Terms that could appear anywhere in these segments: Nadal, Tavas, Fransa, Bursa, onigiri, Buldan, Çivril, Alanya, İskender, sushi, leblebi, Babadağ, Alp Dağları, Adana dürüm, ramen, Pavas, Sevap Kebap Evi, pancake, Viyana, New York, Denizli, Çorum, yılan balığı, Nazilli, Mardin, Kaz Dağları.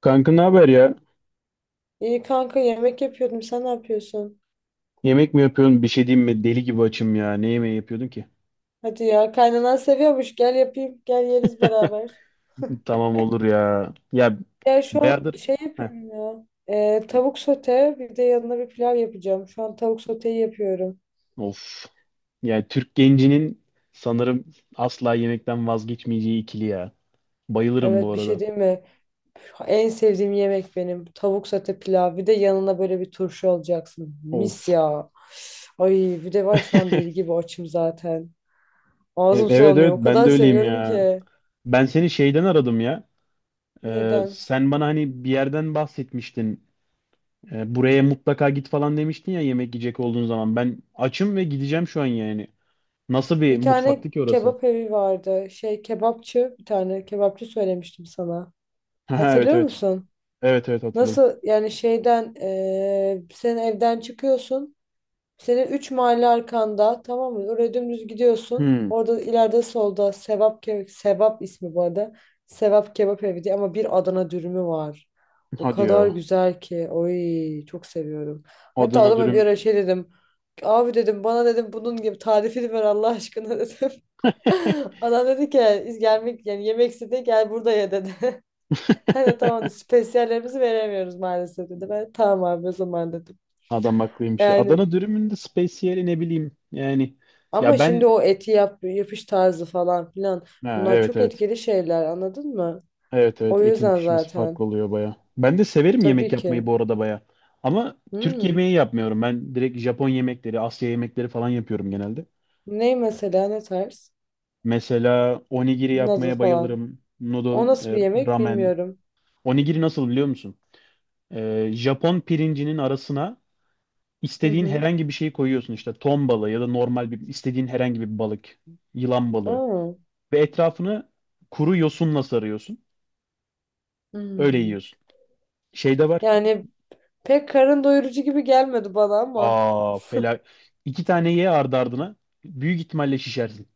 Kanka, ne haber ya? İyi kanka yemek yapıyordum. Sen ne yapıyorsun? Yemek mi yapıyorsun? Bir şey diyeyim mi? Deli gibi açım ya. Ne yemeği yapıyordun ki? Hadi ya, kaynanan seviyormuş. Gel yapayım. Gel yeriz beraber. Tamam, olur ya. Ya Ya şu an bayağıdır. şey Heh. yapıyorum ya. Tavuk sote, bir de yanına bir pilav yapacağım. Şu an tavuk soteyi yapıyorum. Of. Yani Türk gencinin sanırım asla yemekten vazgeçmeyeceği ikili ya. Bayılırım bu Evet, bir şey arada. değil mi? En sevdiğim yemek benim. Tavuk sote pilav. Bir de yanına böyle bir turşu olacaksın. Mis Of. ya. Ay, bir de var şu an deli gibi açım zaten. Ağzım Evet, sulanıyor. evet, O ben kadar de öyleyim seviyorum ya. ki. Ben seni şeyden aradım ya. Neden? Sen bana hani bir yerden bahsetmiştin. Buraya mutlaka git falan demiştin ya, yemek yiyecek olduğun zaman. Ben açım ve gideceğim şu an yani. Nasıl bir Bir tane mutfaktı ki orası? kebap evi vardı. Şey kebapçı, bir tane kebapçı söylemiştim sana. Ha, evet, Hatırlıyor evet. musun? Evet, evet, hatırladım. Nasıl yani, şeyden sen evden çıkıyorsun. Senin 3 mahalle arkanda, tamam mı? Oraya dümdüz gidiyorsun. Hmm, Orada ileride solda Sevap Ke- Sevap ismi bu arada. Sevap Kebap Evi diye, ama bir Adana dürümü var. O hadi kadar ya. güzel ki. Oy, çok seviyorum. Hatta Adana adama bir dürüm. ara şey dedim. Abi dedim, bana dedim bunun gibi tarifini ver Allah aşkına dedim. Adam dedi ki "Biz gelmek yani yemek istedi gel burada ye" dedi. Hani tamam dedi, spesiyallerimizi veremiyoruz maalesef dedi. Ben tamam abi o zaman dedim. Adam haklıymış ya. Yani Adana dürümün de spesiyeli ne bileyim. Yani. Ya ama şimdi ben, o eti yap, yapış tarzı falan filan, ha, bunlar evet, çok evet. etkili şeyler, anladın mı? Evet, evet, O etin yüzden pişmesi farklı zaten. oluyor baya. Ben de severim yemek Tabii yapmayı ki. bu arada baya. Ama Türk Hmm. yemeği yapmıyorum. Ben direkt Japon yemekleri, Asya yemekleri falan yapıyorum genelde. Ney mesela, ne tarz? Mesela onigiri Nasıl yapmaya falan. bayılırım. O Noodle, nasıl bir yemek ramen. bilmiyorum. Onigiri nasıl, biliyor musun? Japon pirincinin arasına Hı İstediğin hı. herhangi bir şeyi koyuyorsun, işte ton balığı ya da normal bir istediğin herhangi bir balık, yılan balığı, Aa. ve etrafını kuru yosunla sarıyorsun. Öyle Hmm. yiyorsun. Şey de var. Yani pek karın doyurucu gibi gelmedi bana ama. Aa, fela. İki tane ye ardı ardına. Büyük ihtimalle şişersin.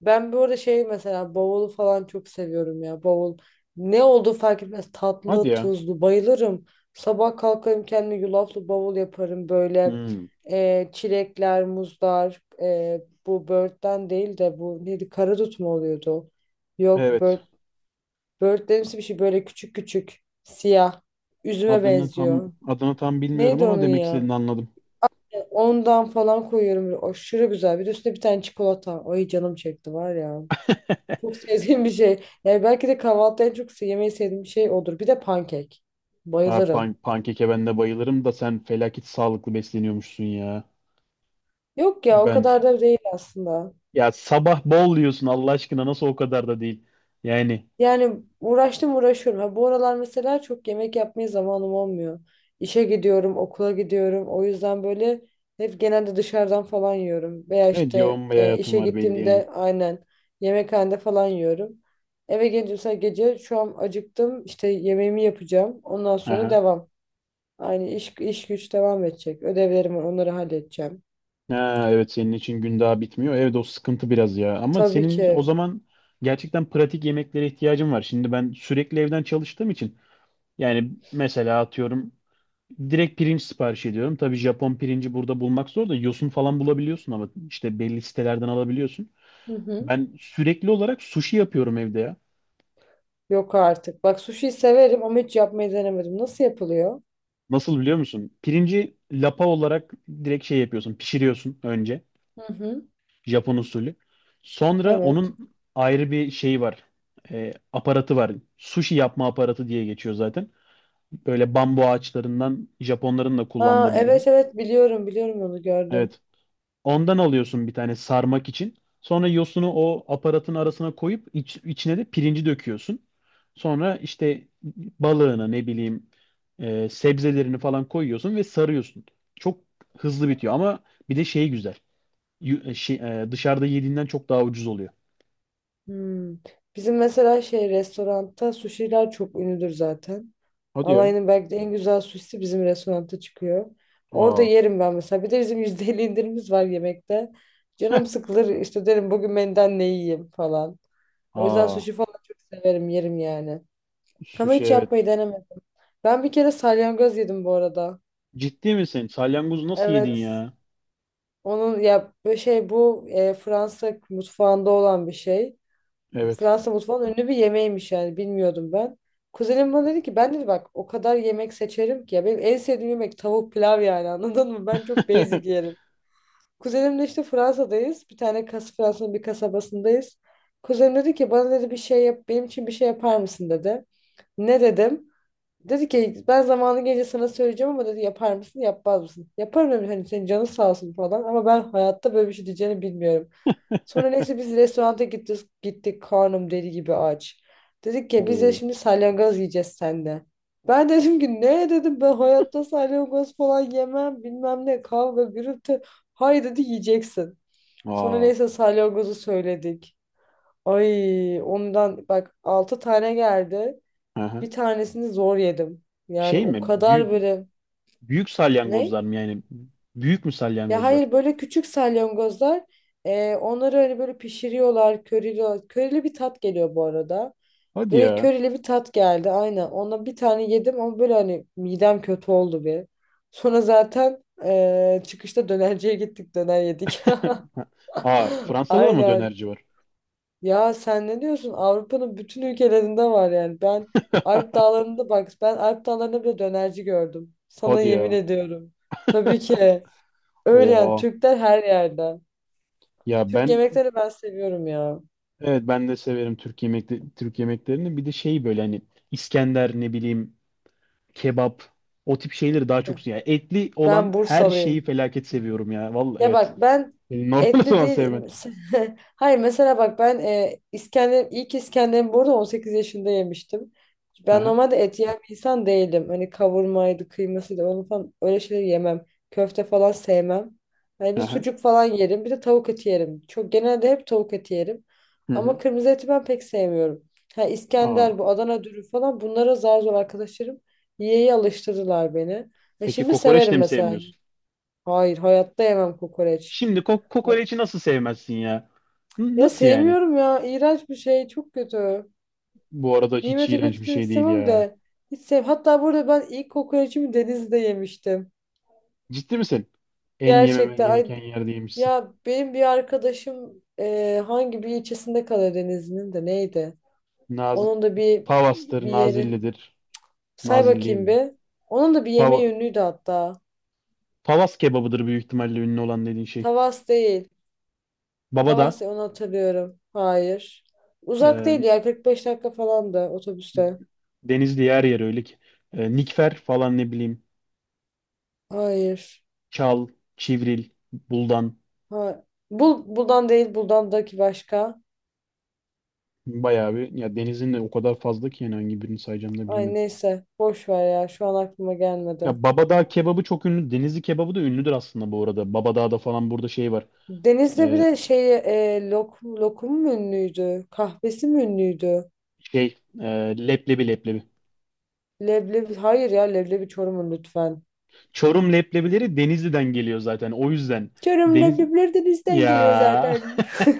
Ben böyle şey mesela, bavulu falan çok seviyorum ya. Bavul ne olduğu fark etmez. Hadi Tatlı, ya. tuzlu bayılırım. Sabah kalkarım, kendime yulaflı bavul yaparım böyle. Hmm, Çilekler, muzlar, bu börtten değil de, bu neydi? Karadut mu oluyordu? Yok, evet. Börtlerimsi bir şey, böyle küçük küçük, siyah. Üzüme Adını tam benziyor. adını tam bilmiyorum Neydi ama onun demek ya? istediğini anladım. Ondan falan koyuyorum. Böyle aşırı güzel. Bir de üstüne bir tane çikolata. Ay, canım çekti var ya. Çok sevdiğim bir şey. Yani belki de kahvaltıda en çok yemeyi sevdiğim bir şey odur. Bir de pankek. Ha, Bayılırım. pankeke ben de bayılırım da sen felaket sağlıklı besleniyormuşsun ya. Yok ya, o kadar Ben, da değil aslında. ya sabah bol yiyorsun Allah aşkına, nasıl o kadar da değil. Yani. Yani uğraştım, uğraşıyorum. Ha, bu aralar mesela çok yemek yapmaya zamanım olmuyor. İşe gidiyorum, okula gidiyorum. O yüzden böyle hep genelde dışarıdan falan yiyorum. Veya Evet, işte yoğun bir hayatım işe var belli yani. gittiğimde aynen yemekhanede falan yiyorum. Eve gelince mesela gece, şu an acıktım. İşte yemeğimi yapacağım. Ondan sonra Aha. devam. Aynı iş, iş güç devam edecek. Ödevlerim var, onları halledeceğim. Ha, evet, senin için gün daha bitmiyor. Evet, o sıkıntı biraz ya. Ama Tabii senin o ki. zaman gerçekten pratik yemeklere ihtiyacın var. Şimdi ben sürekli evden çalıştığım için, yani mesela atıyorum, direkt pirinç sipariş ediyorum. Tabii Japon pirinci burada bulmak zor da yosun falan bulabiliyorsun ama işte belli sitelerden alabiliyorsun. Hı hı. Ben sürekli olarak sushi yapıyorum evde ya. Yok artık. Bak, sushi severim ama hiç yapmayı denemedim. Nasıl yapılıyor? Nasıl, biliyor musun? Pirinci lapa olarak direkt şey yapıyorsun, pişiriyorsun önce. Hı hı. Japon usulü. Sonra Evet. onun ayrı bir şeyi var. Aparatı var. Sushi yapma aparatı diye geçiyor zaten. Böyle bambu ağaçlarından, Japonların da Aa, kullandığı bir ürün. evet evet, biliyorum biliyorum, onu gördüm. Evet. Ondan alıyorsun bir tane sarmak için. Sonra yosunu o aparatın arasına koyup içine de pirinci döküyorsun. Sonra işte balığını ne bileyim, sebzelerini falan koyuyorsun ve sarıyorsun. Çok hızlı bitiyor ama bir de şey güzel. Yu- e, şey, Dışarıda yediğinden çok daha ucuz oluyor. Hmm. Bizim mesela şey restoranda suşiler çok ünlüdür zaten. Hadi ya. Alanya'nın belki de en güzel suşisi bizim restoranda çıkıyor. Orada Aa. yerim ben mesela. Bir de bizim %50 indirimimiz var yemekte. Heh. Canım sıkılır, işte derim bugün menüden ne yiyeyim falan. O yüzden Aa. suşi falan çok severim, yerim yani. Ama Sushi, hiç yapmayı evet. denemedim. Ben bir kere salyangoz yedim bu arada. Ciddi misin? Salyangozu nasıl yedin Evet. ya? Onun ya böyle şey, bu Fransa mutfağında olan bir şey. Evet. Fransa mutfağının ünlü bir yemeğiymiş yani, bilmiyordum ben. Kuzenim bana dedi ki, ben dedi bak o kadar yemek seçerim ki ya, benim en sevdiğim yemek tavuk pilav yani, anladın mı? Ben çok basic yerim. Kuzenimle işte Fransa'dayız. Bir tane Fransa'nın bir kasabasındayız. Kuzenim dedi ki bana, dedi bir şey yap benim için, bir şey yapar mısın dedi. Ne dedim? Dedi ki ben zamanı gelince sana söyleyeceğim ama, dedi yapar mısın yapmaz mısın? Yaparım dedim, hani senin canın sağ olsun falan, ama ben hayatta böyle bir şey diyeceğini bilmiyorum. Sonra neyse biz restoranta gittik, gittik karnım deli gibi aç. Dedik ki biz de Oo. şimdi salyangoz yiyeceğiz sende. Ben dedim ki ne dedim, ben hayatta salyangoz falan yemem bilmem ne, kavga gürültü. Hayır dedi, yiyeceksin. Sonra Aa. neyse salyangozu söyledik. Ay, ondan bak 6 tane geldi. Hı hı. Bir tanesini zor yedim. Yani Şey o mi? kadar Büyük, böyle büyük ne? salyangozlar mı yani? Büyük mü Ya salyangozlar? hayır, böyle küçük salyangozlar, onları hani böyle pişiriyorlar, körili körili bir tat geliyor bu arada. Hadi Böyle ya. körili bir tat geldi aynen. Ona bir tane yedim ama böyle hani midem kötü oldu bir. Sonra zaten çıkışta dönerciye gittik, döner yedik. Aa, Fransa'da da mı Aynen. dönerci var? Ya sen ne diyorsun? Avrupa'nın bütün ülkelerinde var yani. Ben Alp Dağları'nda, bak ben Alp Dağları'nda bile dönerci gördüm. Sana Hadi yemin ya. ediyorum. Tabii ki. Öyle yani, Oha. Türkler her yerde. Ya Türk ben yemekleri ben seviyorum ya. Evet, ben de severim Türk yemeklerini. Bir de şey böyle, hani İskender, ne bileyim, kebap, o tip şeyleri daha çok seviyorum. Yani etli Ben olan her şeyi Bursalıyım. felaket seviyorum ya. Vallahi Ya evet. bak ben Beni normal o etli zaman değil. sevmen. Hayır mesela bak ben İskender, ilk İskender'imi burada 18 yaşında yemiştim. Ben Aha, normalde et yiyen bir insan değilim. Hani kavurmaydı, kıymasıydı, onu falan öyle şeyleri yemem. Köfte falan sevmem. Hani bir aha, sucuk falan yerim, bir de tavuk eti yerim. Çok, genelde hep tavuk eti yerim. hı Ama hı. kırmızı eti ben pek sevmiyorum. Ha, Aa, İskender, bu Adana dürüm falan, bunlara zar zor arkadaşlarım yiyeyi alıştırdılar beni. Ve peki şimdi kokoreç de severim mi mesela. sevmiyorsun? Hayır, hayatta yemem kokoreç. Şimdi Bak, kokoreçi nasıl sevmezsin ya? Ya Nasıl yani? sevmiyorum ya. İğrenç bir şey. Çok kötü. Bu arada hiç Nimeti iğrenç kötü bir demek şey değil istemem ya. de. Hiç sev. Hatta burada ben ilk kokoreçimi denizde yemiştim. Ciddi misin? En yememen Gerçekten. Ay, gereken yerdeymişsin. ya benim bir arkadaşım hangi bir ilçesinde kalıyor Denizli'nin de, neydi? Naz Onun da bir Pavas'tır, bir yeri. Nazilli'dir. Say Nazilli değil bakayım mi? bir. Onun da bir yeme Pava yönüydü hatta. Pavas kebabıdır büyük ihtimalle, ünlü olan dediğin şey. Tavas değil. Baba Tavas da değil, onu hatırlıyorum. Hayır. Uzak değil e, ya, 45 dakika falan da otobüste. Denizli yer yer öyle ki. Nikfer falan, ne bileyim. Hayır. Çal, Çivril, Buldan. Ha. Buldan değil, buldandaki başka. Bayağı bir. Ya denizin de o kadar fazla ki, yani hangi birini sayacağım da Ay bilemedim. neyse, boş ver ya, şu an aklıma gelmedi. Ya Babadağ kebabı çok ünlü. Denizli kebabı da ünlüdür aslında bu arada. Babadağ'da falan, burada şey var. Deniz'de bir E, de şey, lokum, lokum mu ünlüydü? Kahvesi mi ünlüydü? şey e, leblebi. Leblebi, hayır ya, leblebi Çorum'un lütfen. Çorum leblebileri Denizli'den geliyor zaten. O yüzden Çorum deniz leblebileri de bizden geliyor ya, zaten.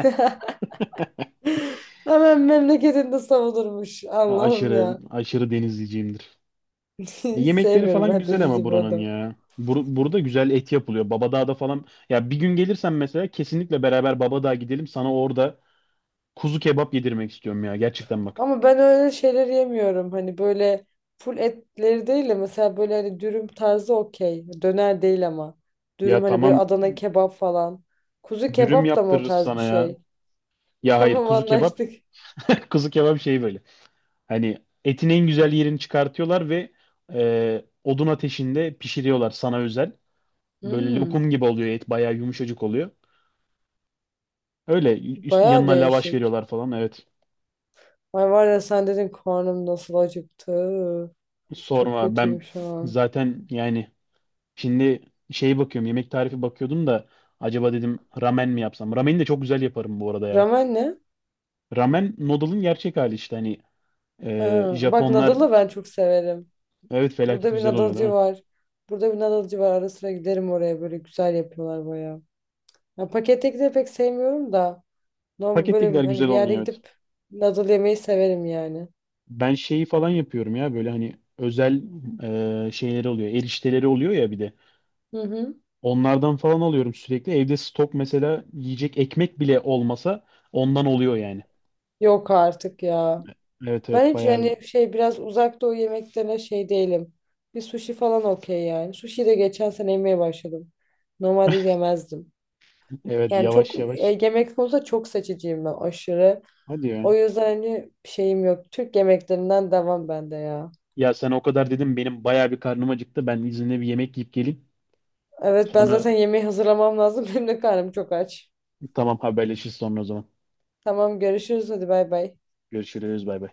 Hemen memleketinde savunurmuş. Allah'ım aşırı ya. aşırı denizliciyimdir. Hiç Yemekleri sevmiyorum falan ben güzel ama Deniz'i buranın burada. ya. Burada güzel et yapılıyor. Babadağ'da falan. Ya bir gün gelirsen mesela, kesinlikle beraber Babadağ'a gidelim. Sana orada kuzu kebap yedirmek istiyorum ya. Gerçekten, bak. Ama ben öyle şeyler yemiyorum. Hani böyle full etleri değil de, mesela böyle hani dürüm tarzı okey. Döner değil ama. Ya Dürüm, hani böyle tamam, Adana kebap falan. Kuzu dürüm kebap da mı o yaptırırız tarz bir sana ya. şey? Ya hayır, Tamam, kuzu kebap. anlaştık. Kuzu kebap şey böyle. Hani etin en güzel yerini çıkartıyorlar ve odun ateşinde pişiriyorlar sana özel. Böyle Hmm, lokum gibi oluyor et. Bayağı yumuşacık oluyor. Öyle Bayağı yanına lavaş değişik. veriyorlar falan. Evet. Ay var ya, sen dedin karnım nasıl acıktı. Çok Sorma, kötüyüm ben şu an. zaten yani. Şimdi şey bakıyorum yemek tarifi bakıyordum da, acaba dedim ramen mi yapsam? Rameni de çok güzel yaparım bu arada ya. Ramen ne? Ramen, noodle'ın gerçek hali işte, hani Ha, bak Japonlar, Nadal'ı ben çok severim. evet, felaket Burada bir güzel oluyor değil Nadal'cı mi? var. Burada bir Nadal'cı var. Ara sıra giderim oraya, böyle güzel yapıyorlar bayağı. Ya pakette de pek sevmiyorum da. Normal böyle Pakettekiler hani güzel bir yerde olmuyor, evet. gidip noodle yemeyi severim yani. Ben şeyi falan yapıyorum ya, böyle hani özel şeyleri oluyor, erişteleri oluyor ya bir de. Hı hı. Onlardan falan alıyorum sürekli. Evde stok mesela yiyecek ekmek bile olmasa ondan oluyor yani. Yok artık ya. Evet, evet, Ben hiç bayağı. yani şey, biraz uzak doğu yemeklerine şey değilim. Bir sushi falan okey yani. Sushi de geçen sene yemeye başladım. Normalde yemezdim. Evet, Yani çok yavaş yavaş. Yemek konusunda çok seçiciyim ben, aşırı. Hadi ya. O yüzden hani şeyim yok. Türk yemeklerinden devam bende ya. Ya sen o kadar dedim, benim bayağı bir karnım acıktı. Ben izinle bir yemek yiyip geleyim. Evet, ben Sonra zaten yemeği hazırlamam lazım. Benim de karnım çok aç. tamam, haberleşiriz sonra o zaman. Tamam, görüşürüz, hadi bay bay. Görüşürüz, bay bay.